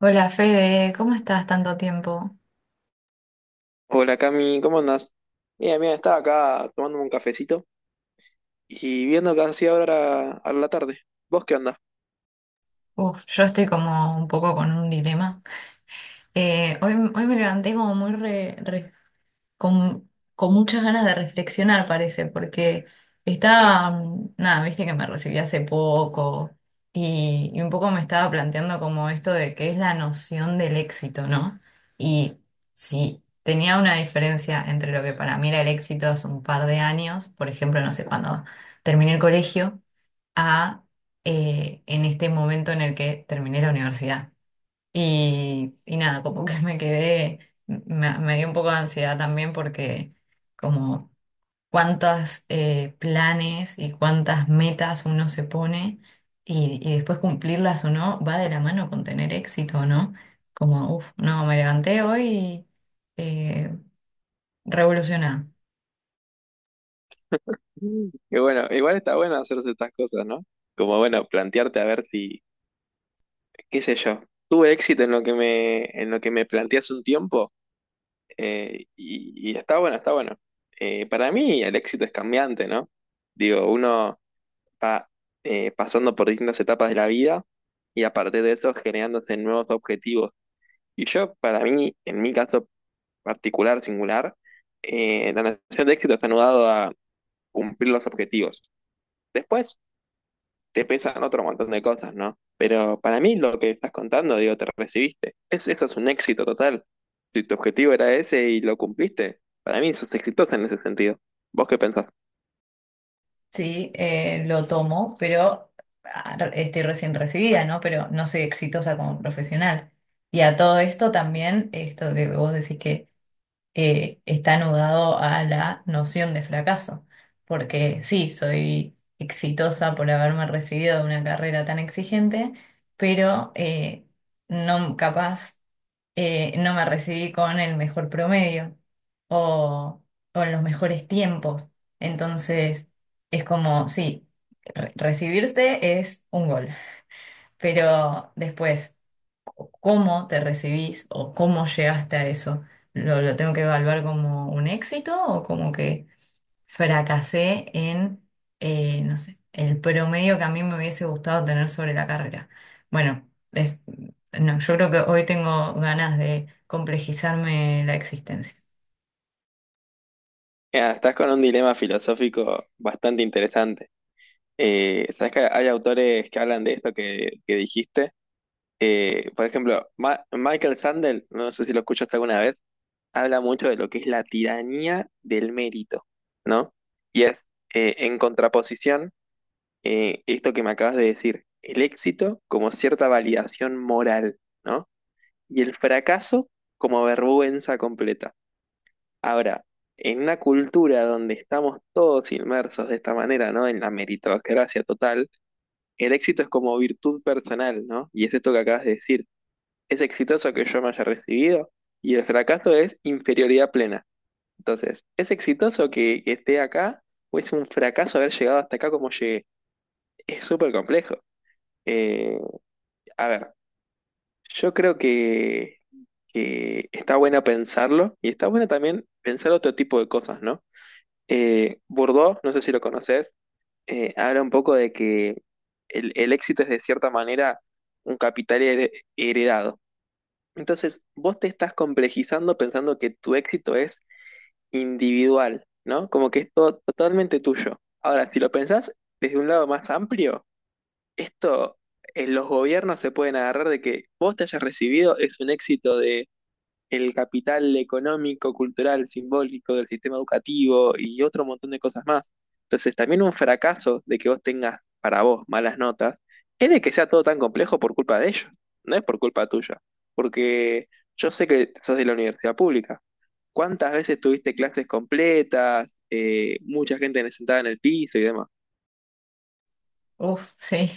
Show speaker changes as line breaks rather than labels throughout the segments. Hola Fede, ¿cómo estás tanto tiempo?
Hola Cami, ¿cómo andás? Mira, mira, estaba acá tomándome un cafecito y viendo que hacía ahora a la tarde. ¿Vos qué andás?
Uf, yo estoy como un poco con un dilema. Hoy, hoy me levanté como muy con, con muchas ganas de reflexionar, parece, porque estaba, nada, viste que me recibí hace poco y un poco me estaba planteando como esto de qué es la noción del éxito, ¿no? Y si tenía una diferencia entre lo que para mí era el éxito hace un par de años, por ejemplo, no sé, cuando terminé el colegio a en este momento en el que terminé la universidad. Y nada, como que me quedé, me dio un poco de ansiedad también porque como cuántos planes y cuántas metas uno se pone y después cumplirlas o no va de la mano con tener éxito o no. Como, uff, no, me levanté hoy eh, revolucionada.
Mm. Y bueno, igual está bueno hacerse estas cosas, ¿no? Como bueno, plantearte a ver si, qué sé yo, tuve éxito en lo que me, en lo que me planteé hace un tiempo y está bueno, está bueno. Para mí el éxito es cambiante, ¿no? Digo, uno va pasando por distintas etapas de la vida y a partir de eso generándose nuevos objetivos. Y yo, para mí, en mi caso, particular, singular, la noción de éxito está anudado a cumplir los objetivos. Después te pesan otro montón de cosas, ¿no? Pero para mí lo que estás contando, digo, te recibiste. Es, eso es un éxito total. Si tu objetivo era ese y lo cumpliste, para mí sos exitosa en ese sentido. ¿Vos qué pensás?
Sí, lo tomo, pero ah, estoy recién recibida, ¿no? Pero no soy exitosa como profesional. Y a todo esto también, esto que vos decís que está anudado a la noción de fracaso, porque sí, soy exitosa por haberme recibido de una carrera tan exigente, pero no capaz no me recibí con el mejor promedio o, o en los mejores tiempos. Entonces, es como, sí, recibirse es un gol, pero después, cómo te recibís o cómo llegaste a eso, lo tengo que evaluar como un éxito o como que fracasé en, no sé, el promedio que a mí me hubiese gustado tener sobre la carrera. Bueno, es, no, yo creo que hoy tengo ganas de complejizarme la existencia.
Mira, estás con un dilema filosófico bastante interesante. Sabes que hay autores que hablan de esto que dijiste. Por ejemplo, Michael Sandel, no sé si lo escuchaste alguna vez, habla mucho de lo que es la tiranía del mérito, ¿no? Y es, en contraposición, esto que me acabas de decir, el éxito como cierta validación moral, ¿no? Y el fracaso como vergüenza completa. Ahora, en una cultura donde estamos todos inmersos de esta manera, ¿no? En la meritocracia total, el éxito es como virtud personal, ¿no? Y es esto que acabas de decir. Es exitoso que yo me haya recibido y el fracaso es inferioridad plena. Entonces, ¿es exitoso que esté acá o es un fracaso haber llegado hasta acá como llegué? Es súper complejo. Eh, a ver, yo creo que está bueno pensarlo y está bueno también pensar otro tipo de cosas, ¿no? Bourdieu, no sé si lo conoces, habla un poco de que el éxito es de cierta manera un capital heredado. Entonces, vos te estás complejizando pensando que tu éxito es individual, ¿no? Como que es todo totalmente tuyo. Ahora, si lo pensás desde un lado más amplio, esto los gobiernos se pueden agarrar de que vos te hayas recibido es un éxito de el capital económico, cultural, simbólico del sistema educativo y otro montón de cosas más. Entonces, también un fracaso de que vos tengas para vos malas notas es de que sea todo tan complejo por culpa de ellos, no es por culpa tuya, porque yo sé que sos de la universidad pública. ¿Cuántas veces tuviste clases completas? Mucha gente sentada en el piso y demás.
Uf, sí.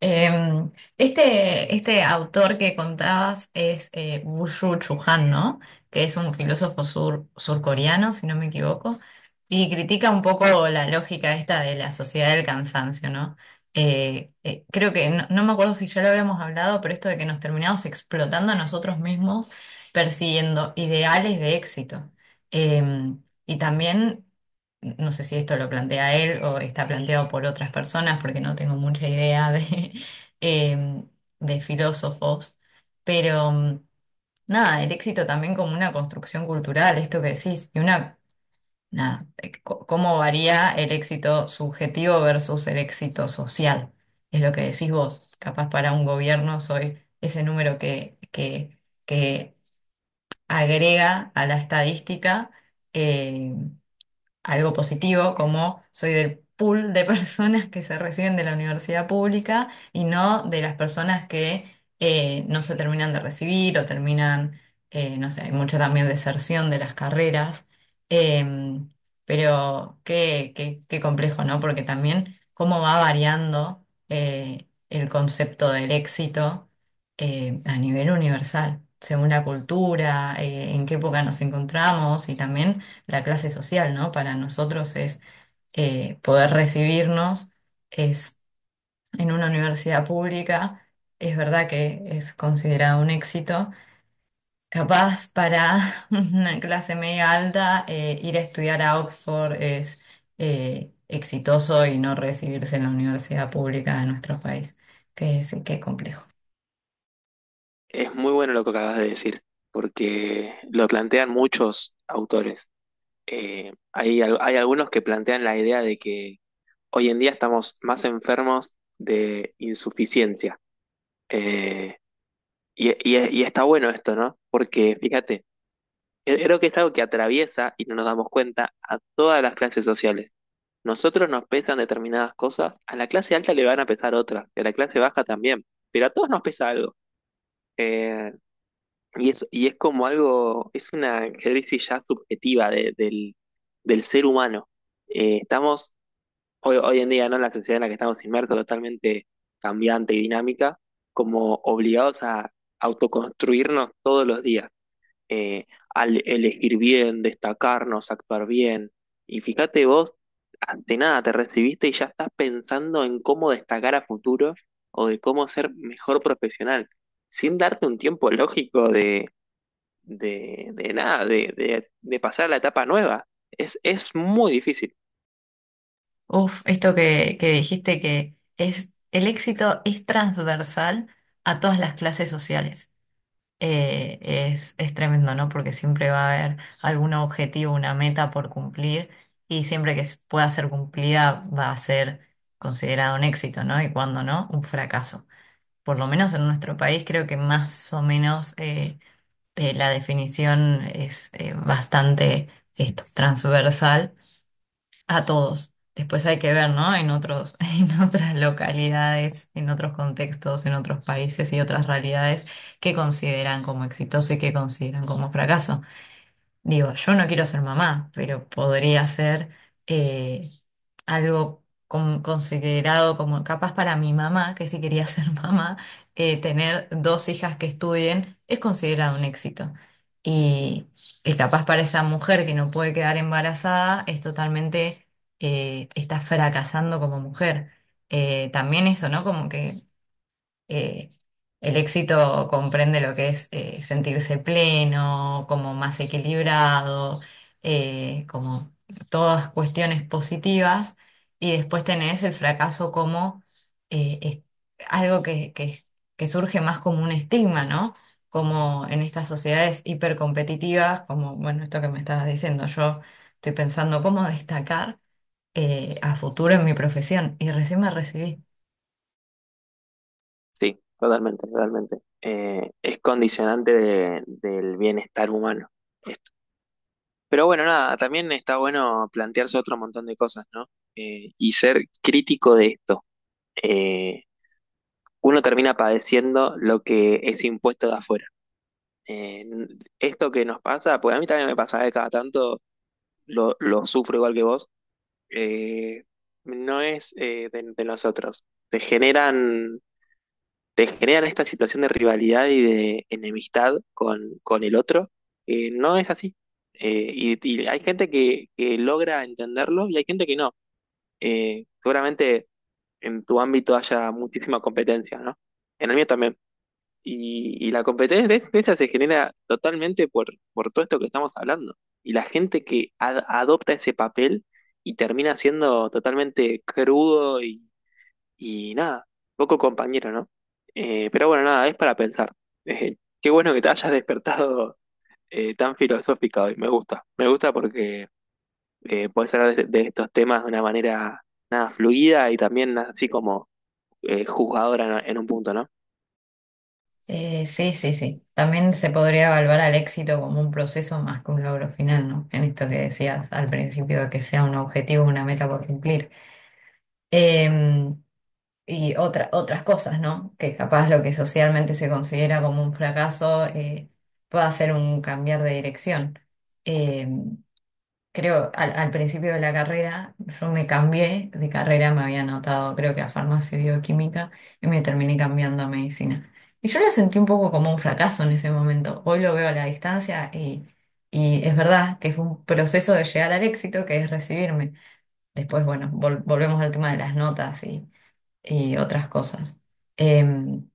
Em, este autor que contabas es Byung-Chul Han, ¿no? Que es un filósofo surcoreano, si no me equivoco, y critica un poco la lógica esta de la sociedad del cansancio, ¿no? Creo que, no, no me acuerdo si ya lo habíamos hablado, pero esto de que nos terminamos explotando a nosotros mismos persiguiendo ideales de éxito. Y también no sé si esto lo plantea él o está planteado por otras personas, porque no tengo mucha idea de, eh, de filósofos, pero nada, el éxito también como una construcción cultural, esto que decís, y una, nada, cómo varía el éxito subjetivo versus el éxito social, es lo que decís vos, capaz para un gobierno soy ese número que agrega a la estadística. eh, Algo positivo, como soy del pool de personas que se reciben de la universidad pública y no de las personas que no se terminan de recibir o terminan, no sé, hay mucha también deserción de las carreras. Em, pero qué complejo, ¿no? Porque también cómo va variando el concepto del éxito a nivel universal, según la cultura, en qué época nos encontramos y también la clase social, ¿no? Para nosotros es poder recibirnos, es en una universidad pública, es verdad que es considerado un éxito. Capaz para una clase media alta, ir a estudiar a Oxford es exitoso y no recibirse en la universidad pública de nuestro país, que sí, qué complejo.
Es muy bueno lo que acabas de decir, porque lo plantean muchos autores. Hay, hay algunos que plantean la idea de que hoy en día estamos más enfermos de insuficiencia. Eh, y, y está bueno esto, ¿no? Porque fíjate, creo que es algo que atraviesa, y no nos damos cuenta, a todas las clases sociales. Nosotros nos pesan determinadas cosas, a la clase alta le van a pesar otras, y a la clase baja también, pero a todos nos pesa algo. Eh, y es como algo, es una crisis ya subjetiva del, del ser humano. Estamos hoy, hoy en día, ¿no? En la sociedad en la que estamos inmersos, totalmente cambiante y dinámica, como obligados a autoconstruirnos todos los días eh, al elegir bien, destacarnos, actuar bien. Y fíjate vos, ante nada te recibiste y ya estás pensando en cómo destacar a futuro o de cómo ser mejor profesional, sin darte un tiempo lógico de nada, de pasar a la etapa nueva. Es muy difícil.
Uf, esto que dijiste que es el éxito es transversal a todas las clases sociales. Es tremendo, ¿no? Porque siempre va a haber algún objetivo, una meta por cumplir y siempre que pueda ser cumplida va a ser considerado un éxito, ¿no? Y cuando no, un fracaso. Por lo menos en nuestro país creo que más o menos la definición es bastante esto, transversal a todos. Después hay que ver, ¿no? En otros, en otras localidades, en otros contextos, en otros países y otras realidades que consideran como exitoso y que consideran como fracaso. Digo, yo no quiero ser mamá, pero podría ser eh, algo considerado como capaz para mi mamá, que si quería ser mamá, tener 2 hijas que estudien es considerado un éxito. Y, y capaz para esa mujer que no puede quedar embarazada es totalmente, está fracasando como mujer. También eso, ¿no? Como que eh, el éxito comprende lo que es sentirse pleno, como más equilibrado, como todas cuestiones positivas. Y después tenés el fracaso como eh, es- algo que surge más como un estigma, ¿no? Como en estas sociedades hipercompetitivas, como, bueno, esto que me estabas diciendo, yo estoy pensando cómo destacar a futuro en mi profesión y recién me recibí.
Sí, totalmente, totalmente. Es condicionante del bienestar humano. Pero bueno, nada, también está bueno plantearse otro montón de cosas, ¿no? Y ser crítico de esto. Eh, uno termina padeciendo lo que es impuesto de afuera. Eh, esto que nos pasa, pues a mí también me pasa de cada tanto, lo sufro igual que vos, eh, no es de nosotros. Te generan te generan esta situación de rivalidad y de enemistad con el otro, que no es así. Y hay gente que logra entenderlo y hay gente que no. Seguramente en tu ámbito haya muchísima competencia, ¿no? En el mío también. Y la competencia de esa se genera totalmente por todo esto que estamos hablando. Y la gente que adopta ese papel y termina siendo totalmente crudo y nada, poco compañero, ¿no? Pero bueno, nada, es para pensar. Qué bueno que te hayas despertado tan filosófica hoy. Me gusta. Me gusta porque puedes hablar de estos temas de una manera nada fluida y también así como juzgadora en un punto, ¿no?
Sí, sí, sí. También se podría evaluar al éxito como un proceso más que un logro final, ¿no? En esto que decías al principio, de que sea un objetivo, una meta por cumplir. Eh, y otras cosas, ¿no? Que capaz lo que socialmente se considera como un fracaso pueda ser un cambiar de dirección. Em, creo, al principio de la carrera, yo me cambié de carrera, me había anotado creo que a farmacia y bioquímica y me terminé cambiando a medicina. Y yo lo sentí un poco como un fracaso en ese momento. Hoy lo veo a la distancia y es verdad que fue un proceso de llegar al éxito que es recibirme. Después, bueno, volvemos al tema de las notas y otras cosas. Em,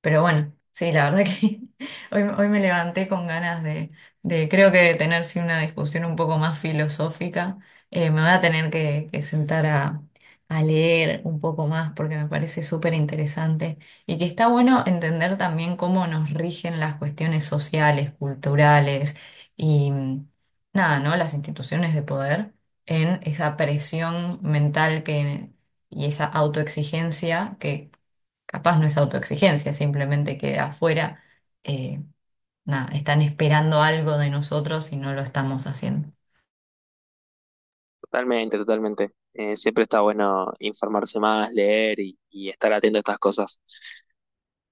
pero bueno, sí, la verdad que hoy, hoy me levanté con ganas de creo que de tener sí, una discusión un poco más filosófica. Me voy a tener que sentar a leer un poco más porque me parece súper interesante y que está bueno entender también cómo nos rigen las cuestiones sociales, culturales y nada, ¿no? Las instituciones de poder en esa presión mental que, y esa autoexigencia que capaz no es autoexigencia, simplemente que afuera eh, nada, están esperando algo de nosotros y no lo estamos haciendo.
Totalmente, totalmente. Siempre está bueno informarse más, leer y estar atento a estas cosas.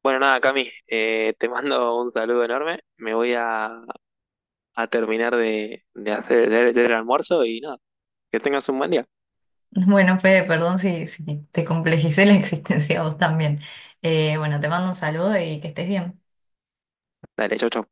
Bueno, nada, Cami, te mando un saludo enorme. Me voy a terminar de hacer el almuerzo y nada. Que tengas un buen día.
Bueno, Fede, perdón si, si te complejicé la existencia a vos también. Bueno, te mando un saludo y que estés bien.
Dale, chau, chau.